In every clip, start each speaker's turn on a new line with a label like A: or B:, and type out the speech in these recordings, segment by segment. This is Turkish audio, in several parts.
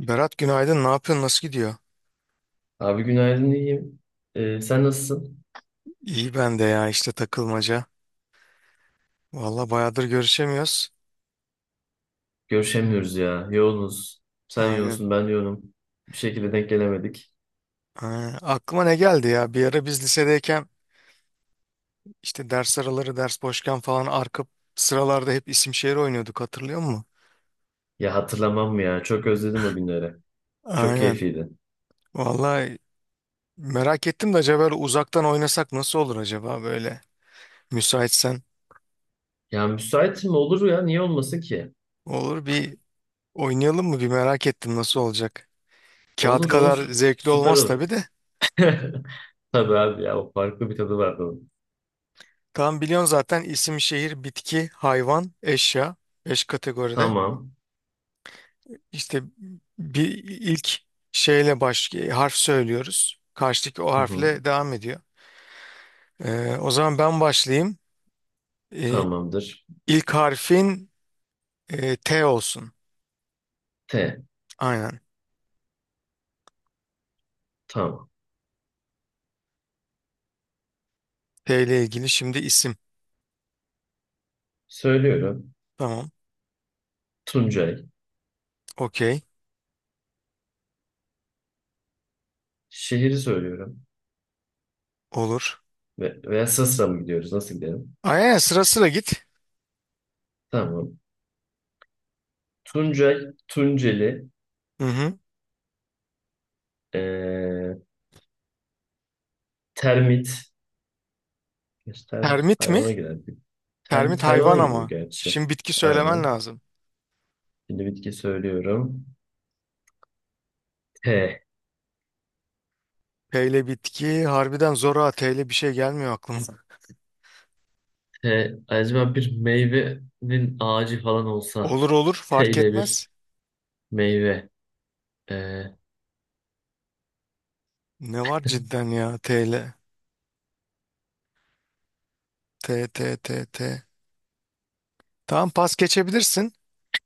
A: Berat günaydın. Ne yapıyorsun? Nasıl gidiyor?
B: Abi günaydın iyiyim. Sen nasılsın?
A: İyi ben de ya işte takılmaca. Valla bayağıdır görüşemiyoruz.
B: Görüşemiyoruz ya. Yoğunuz. Sen
A: Aynen.
B: yoğunsun, ben yoğunum. Bir şekilde denk gelemedik.
A: Aynen. Aklıma ne geldi ya? Bir ara biz lisedeyken işte ders araları, ders boşken falan arka sıralarda hep isim şehir oynuyorduk hatırlıyor musun?
B: Ya hatırlamam mı ya? Çok özledim o günleri. Çok
A: Aynen.
B: keyifliydi.
A: Valla merak ettim de acaba böyle uzaktan oynasak nasıl olur acaba böyle? Müsaitsen
B: Ya müsait mi? Olur ya. Niye olmasın ki?
A: olur bir oynayalım mı? Bir merak ettim nasıl olacak? Kağıt
B: Olur
A: kadar
B: olur.
A: zevkli
B: Süper
A: olmaz
B: olur.
A: tabii de.
B: Tabii abi ya. O farklı bir tadı vardı onun.
A: Tam biliyorsun zaten isim, şehir, bitki, hayvan, eşya. Beş kategoride.
B: Tamam.
A: İşte bir ilk şeyle baş harf söylüyoruz. Karşıdaki o
B: Hı hı.
A: harfle devam ediyor. O zaman ben başlayayım. Ee,
B: Tamamdır.
A: ilk harfin T olsun.
B: T.
A: Aynen.
B: Tamam.
A: T ile ilgili şimdi isim.
B: Söylüyorum.
A: Tamam.
B: Tuncay.
A: Okey.
B: Şehri söylüyorum.
A: Olur.
B: Ve, veya Sısra mı gidiyoruz? Nasıl gidelim?
A: Aynen sıra sıra git.
B: Tamam. Tuncay, Tunceli,
A: Hı hı.
B: eee, termit. Gerçi termit
A: Termit mi?
B: hayvana girer. Termit
A: Termit hayvan
B: hayvana giriyor
A: ama.
B: gerçi.
A: Şimdi bitki söylemen
B: Aynen.
A: lazım.
B: Şimdi bitki söylüyorum. T.
A: P ile bitki harbiden zor ha. T ile bir şey gelmiyor aklıma.
B: T. Acaba bir meyvenin ağacı falan olsa.
A: Olur olur
B: T
A: fark
B: ile bir
A: etmez.
B: meyve. Eee,
A: Ne var cidden ya TL. T T T T. Tamam pas geçebilirsin.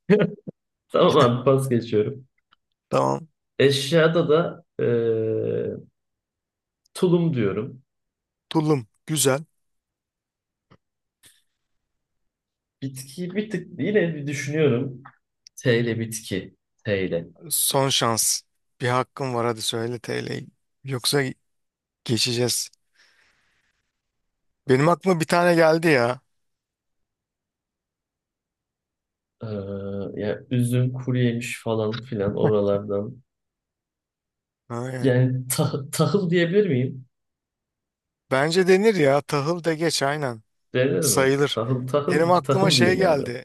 B: tamam abi pas geçiyorum.
A: Tamam.
B: Eşyada da tulum diyorum.
A: Tulum. Güzel.
B: Bitki bir tık yine bir düşünüyorum. T ile bitki. T ile.
A: Son şans. Bir hakkın var hadi söyle TL'yi. Yoksa geçeceğiz. Benim aklıma bir tane geldi ya.
B: Ee, ya üzüm, kuru yemiş falan filan oralardan.
A: Aynen.
B: Yani tahıl diyebilir miyim?
A: Bence denir ya. Tahıl de geç aynen.
B: Denir mi?
A: Sayılır.
B: Tahıl,
A: Benim
B: tahıl,
A: aklıma
B: tahıl
A: şey
B: diyeyim abi.
A: geldi.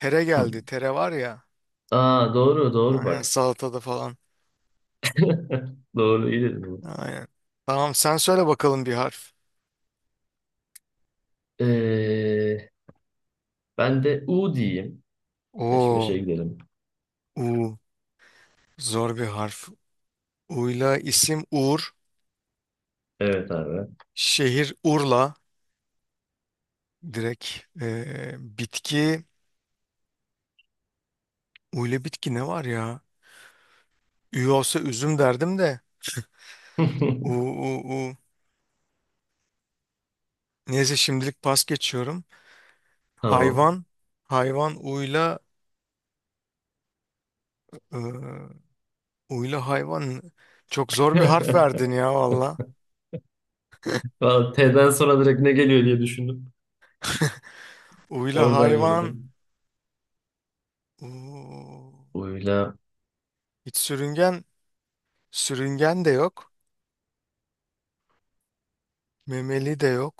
A: Tere
B: Hı.
A: geldi. Tere var ya.
B: Aa doğru, doğru
A: Aynen
B: bak.
A: salatada falan.
B: Doğru, iyi dedin. Bunu.
A: Aynen. Tamam sen söyle bakalım bir harf.
B: Ee, Ben de U diyeyim. Peş
A: Oo.
B: peşe gidelim.
A: U. Zor bir harf. Uyla isim Uğur.
B: Evet abi.
A: Şehir Urla. Direkt bitki. Uyla bitki ne var ya? Ü olsa üzüm derdim de. U, u, u. Neyse şimdilik pas geçiyorum.
B: Tamam.
A: Hayvan. Hayvan uyla. eee, uyla hayvan. Çok zor bir harf verdin ya valla.
B: Vallahi T'den sonra direkt ne geliyor diye düşündüm.
A: Uyla
B: Oradan
A: hayvan.
B: yürüdüm.
A: U.
B: U'yla.
A: Hiç sürüngen. Sürüngen de yok. Memeli de yok.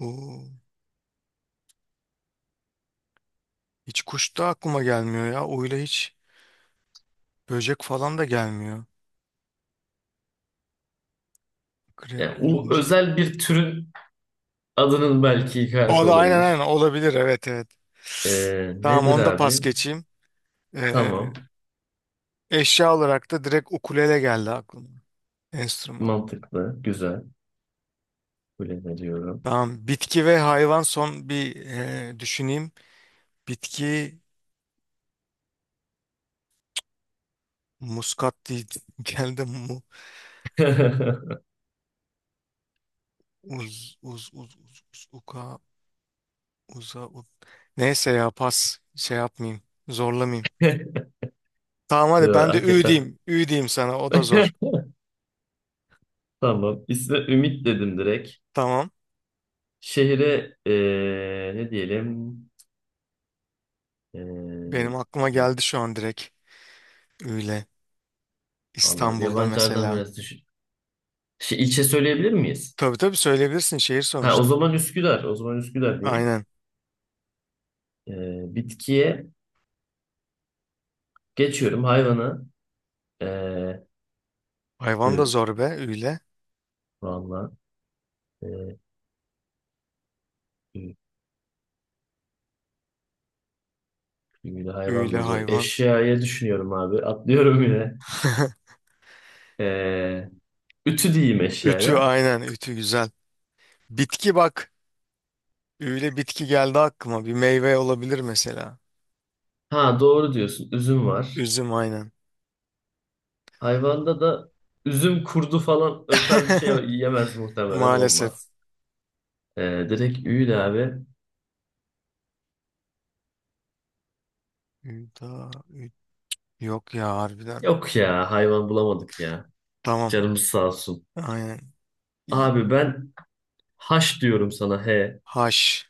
A: U. Hiç kuş da aklıma gelmiyor ya. Oyla hiç böcek falan da gelmiyor. Krep,
B: Yani U
A: örümcek.
B: özel bir türün adının belki ilk harfi
A: O da aynen aynen
B: olabilir.
A: olabilir. Evet evet. Tamam
B: Nedir
A: onu da pas
B: abi?
A: geçeyim. Ee,
B: Tamam.
A: eşya olarak da direkt ukulele geldi aklıma. Enstrüman.
B: Mantıklı. Güzel. Kabul ediyorum.
A: Tamam. Bitki ve hayvan son bir düşüneyim. Bitki muskat değil. Geldi mu. Uz, uz, uz, uz, uz, uka, uza, u- Neyse ya pas. Şey yapmayayım. Zorlamayayım. Tamam
B: Ya,
A: hadi ben de ü
B: hakikaten.
A: diyeyim. Ü diyeyim sana o da zor.
B: Tamam. İsme Ümit dedim direkt.
A: Tamam.
B: Şehre ne diyelim? Eee
A: Benim aklıma geldi şu an direkt. Öyle.
B: Allah,
A: İstanbul'da
B: yabancılardan
A: mesela.
B: biraz düşün. Şey, ilçe söyleyebilir miyiz?
A: Tabii tabii söyleyebilirsin şehir
B: Ha, o
A: sonuçta.
B: zaman Üsküdar. O zaman Üsküdar diyeyim.
A: Aynen.
B: Bitkiye geçiyorum. Hayvana. Eee
A: Hayvan da
B: ü,
A: zor be. Öyle.
B: valla. Eee, ü, ü, hayvan
A: Öyle
B: da zor.
A: hayvan.
B: Eşyaya düşünüyorum abi. Atlıyorum yine. Eee, Ütü diyeyim
A: Ütü
B: eşyaya.
A: aynen. Ütü güzel. Bitki bak. Öyle bitki geldi aklıma. Bir meyve olabilir mesela.
B: Ha doğru diyorsun. Üzüm var.
A: Üzüm aynen.
B: Hayvanda da üzüm kurdu falan o tarz bir şey yiyemez muhtemelen
A: Maalesef.
B: olmaz. Direkt üyle abi.
A: Üda, ü- yok ya harbiden.
B: Yok ya hayvan bulamadık ya.
A: Tamam.
B: Canımız sağ olsun.
A: Aynen. İ-
B: Abi ben haş diyorum sana he.
A: Haş.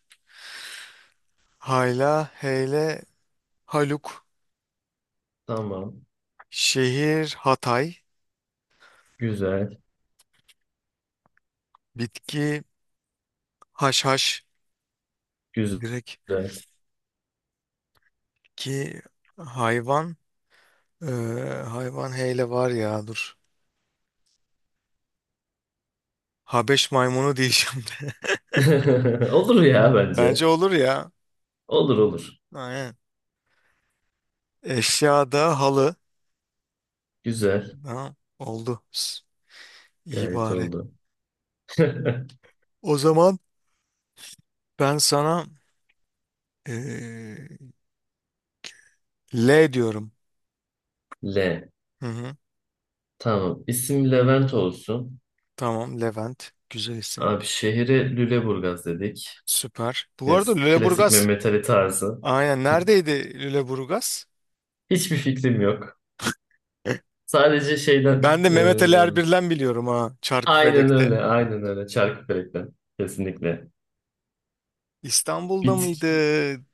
A: Hayla, heyle, haluk.
B: Tamam.
A: Şehir Hatay.
B: Güzel.
A: Bitki haşhaş
B: Güzel.
A: direkt ki hayvan eee, hayvan heyle var ya dur. Habeş maymunu diyeceğim de.
B: Olur ya bence.
A: Bence olur ya.
B: Olur olur.
A: Aynen. Eşyada halı.
B: Güzel.
A: Ha, oldu. İyi
B: Gayet
A: bari.
B: oldu.
A: O zaman ben sana eee, L diyorum.
B: L.
A: Hı hı.
B: Tamam. İsim Levent olsun.
A: Tamam Levent. Güzel isim.
B: Abi şehri Lüleburgaz dedik.
A: Süper. Bu arada
B: Klasik
A: Lüleburgaz.
B: Mehmet Ali tarzı.
A: Aynen. Neredeydi Lüleburgaz?
B: Hiçbir fikrim yok. Sadece şeyden
A: Ben de Mehmet Ali Erbil'den biliyorum ha.
B: aynen
A: Çarkıfelek'te.
B: öyle aynen öyle Çarkıfelek'ten kesinlikle.
A: İstanbul'da mıydı?
B: Bitki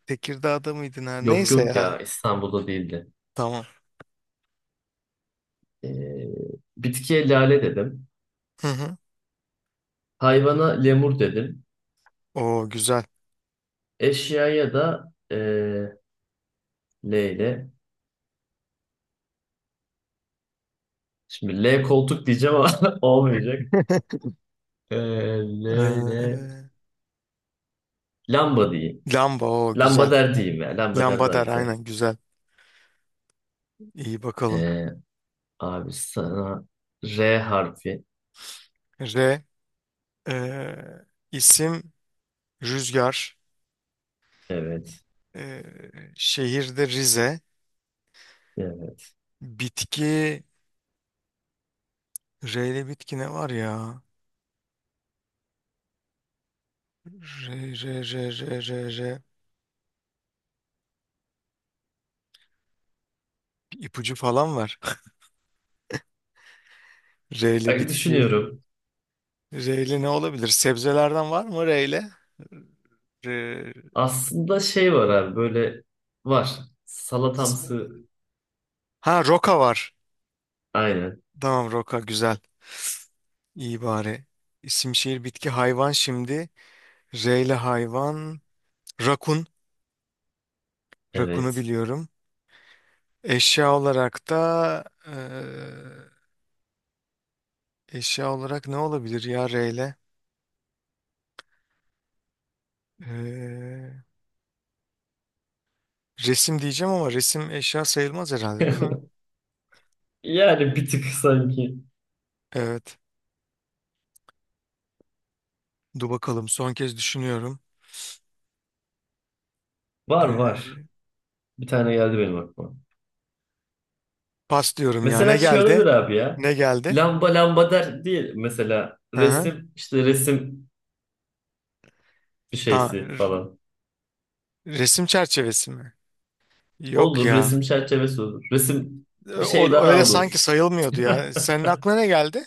A: Tekirdağ'da mıydı?
B: yok
A: Neyse
B: yok
A: ya.
B: ya İstanbul'da değildi.
A: Tamam.
B: E, bitkiye lale dedim.
A: Hı hı.
B: Hayvana lemur dedim.
A: Oo güzel.
B: Eşyaya da L ile. Şimdi L koltuk diyeceğim ama olmayacak. E, L
A: Ee,
B: ile lamba diyeyim.
A: lamba o güzel.
B: Lambader diyeyim ya. Lambader
A: Lamba
B: daha
A: der
B: güzel.
A: aynen güzel. İyi bakalım.
B: E, Abi sana R harfi.
A: R e, isim Rüzgar.
B: Evet.
A: E, şehirde Rize.
B: Evet.
A: Bitki R ile bitki ne var ya? R R R R R R Bir ipucu falan var. R ile
B: Bak
A: bitki.
B: düşünüyorum.
A: R ile ne olabilir? Sebzelerden var mı R ile?
B: Aslında şey var abi böyle var. Salatamsı.
A: Ha roka var.
B: Aynen.
A: Tamam roka güzel. İyi bari. İsim şehir bitki hayvan şimdi. R ile hayvan. Rakun. Rakunu
B: Evet.
A: biliyorum. Eşya olarak da eşya olarak ne olabilir ya R ile? Eee, resim diyeceğim ama resim eşya sayılmaz herhalde değil mi?
B: Yani bir tık sanki.
A: Evet. Dur bakalım son kez düşünüyorum.
B: Var var. Bir tane geldi benim aklıma.
A: Pas diyorum ya. Ne
B: Mesela şey olabilir
A: geldi?
B: abi ya.
A: Ne geldi?
B: Lamba lamba der değil. Mesela
A: Hı hı.
B: resim işte resim bir
A: Ta-
B: şeysi
A: r-
B: falan.
A: resim çerçevesi mi? Yok
B: Olur
A: ya.
B: resim çerçevesi olur. Resim bir şey
A: O,
B: daha
A: öyle sanki
B: olur.
A: sayılmıyordu ya. Senin aklına ne geldi?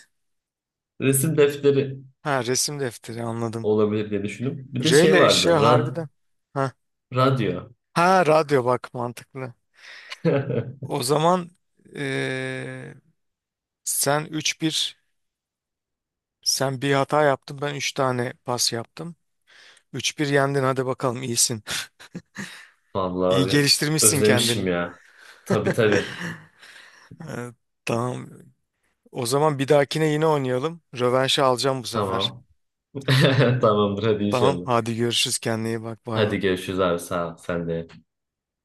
B: Resim defteri.
A: Ha resim defteri anladım.
B: Olabilir diye düşündüm. Bir de
A: R
B: şey
A: ile
B: vardı.
A: eşya harbiden. Ha,
B: Radyo.
A: ha radyo bak mantıklı. O zaman e, sen üç bir sen bir hata yaptın ben 3 tane pas yaptım. Üç bir yendin hadi bakalım iyisin.
B: Vallahi
A: İyi
B: abi
A: geliştirmişsin
B: özlemişim
A: kendini.
B: ya. Tabii tabii.
A: Evet, tamam. O zaman bir dahakine yine oynayalım. Rövanşı alacağım bu sefer.
B: Tamam. Tamamdır hadi
A: Tamam
B: inşallah.
A: hadi görüşürüz kendine iyi bak bay bay.
B: Hadi görüşürüz abi sağ ol. Sen de.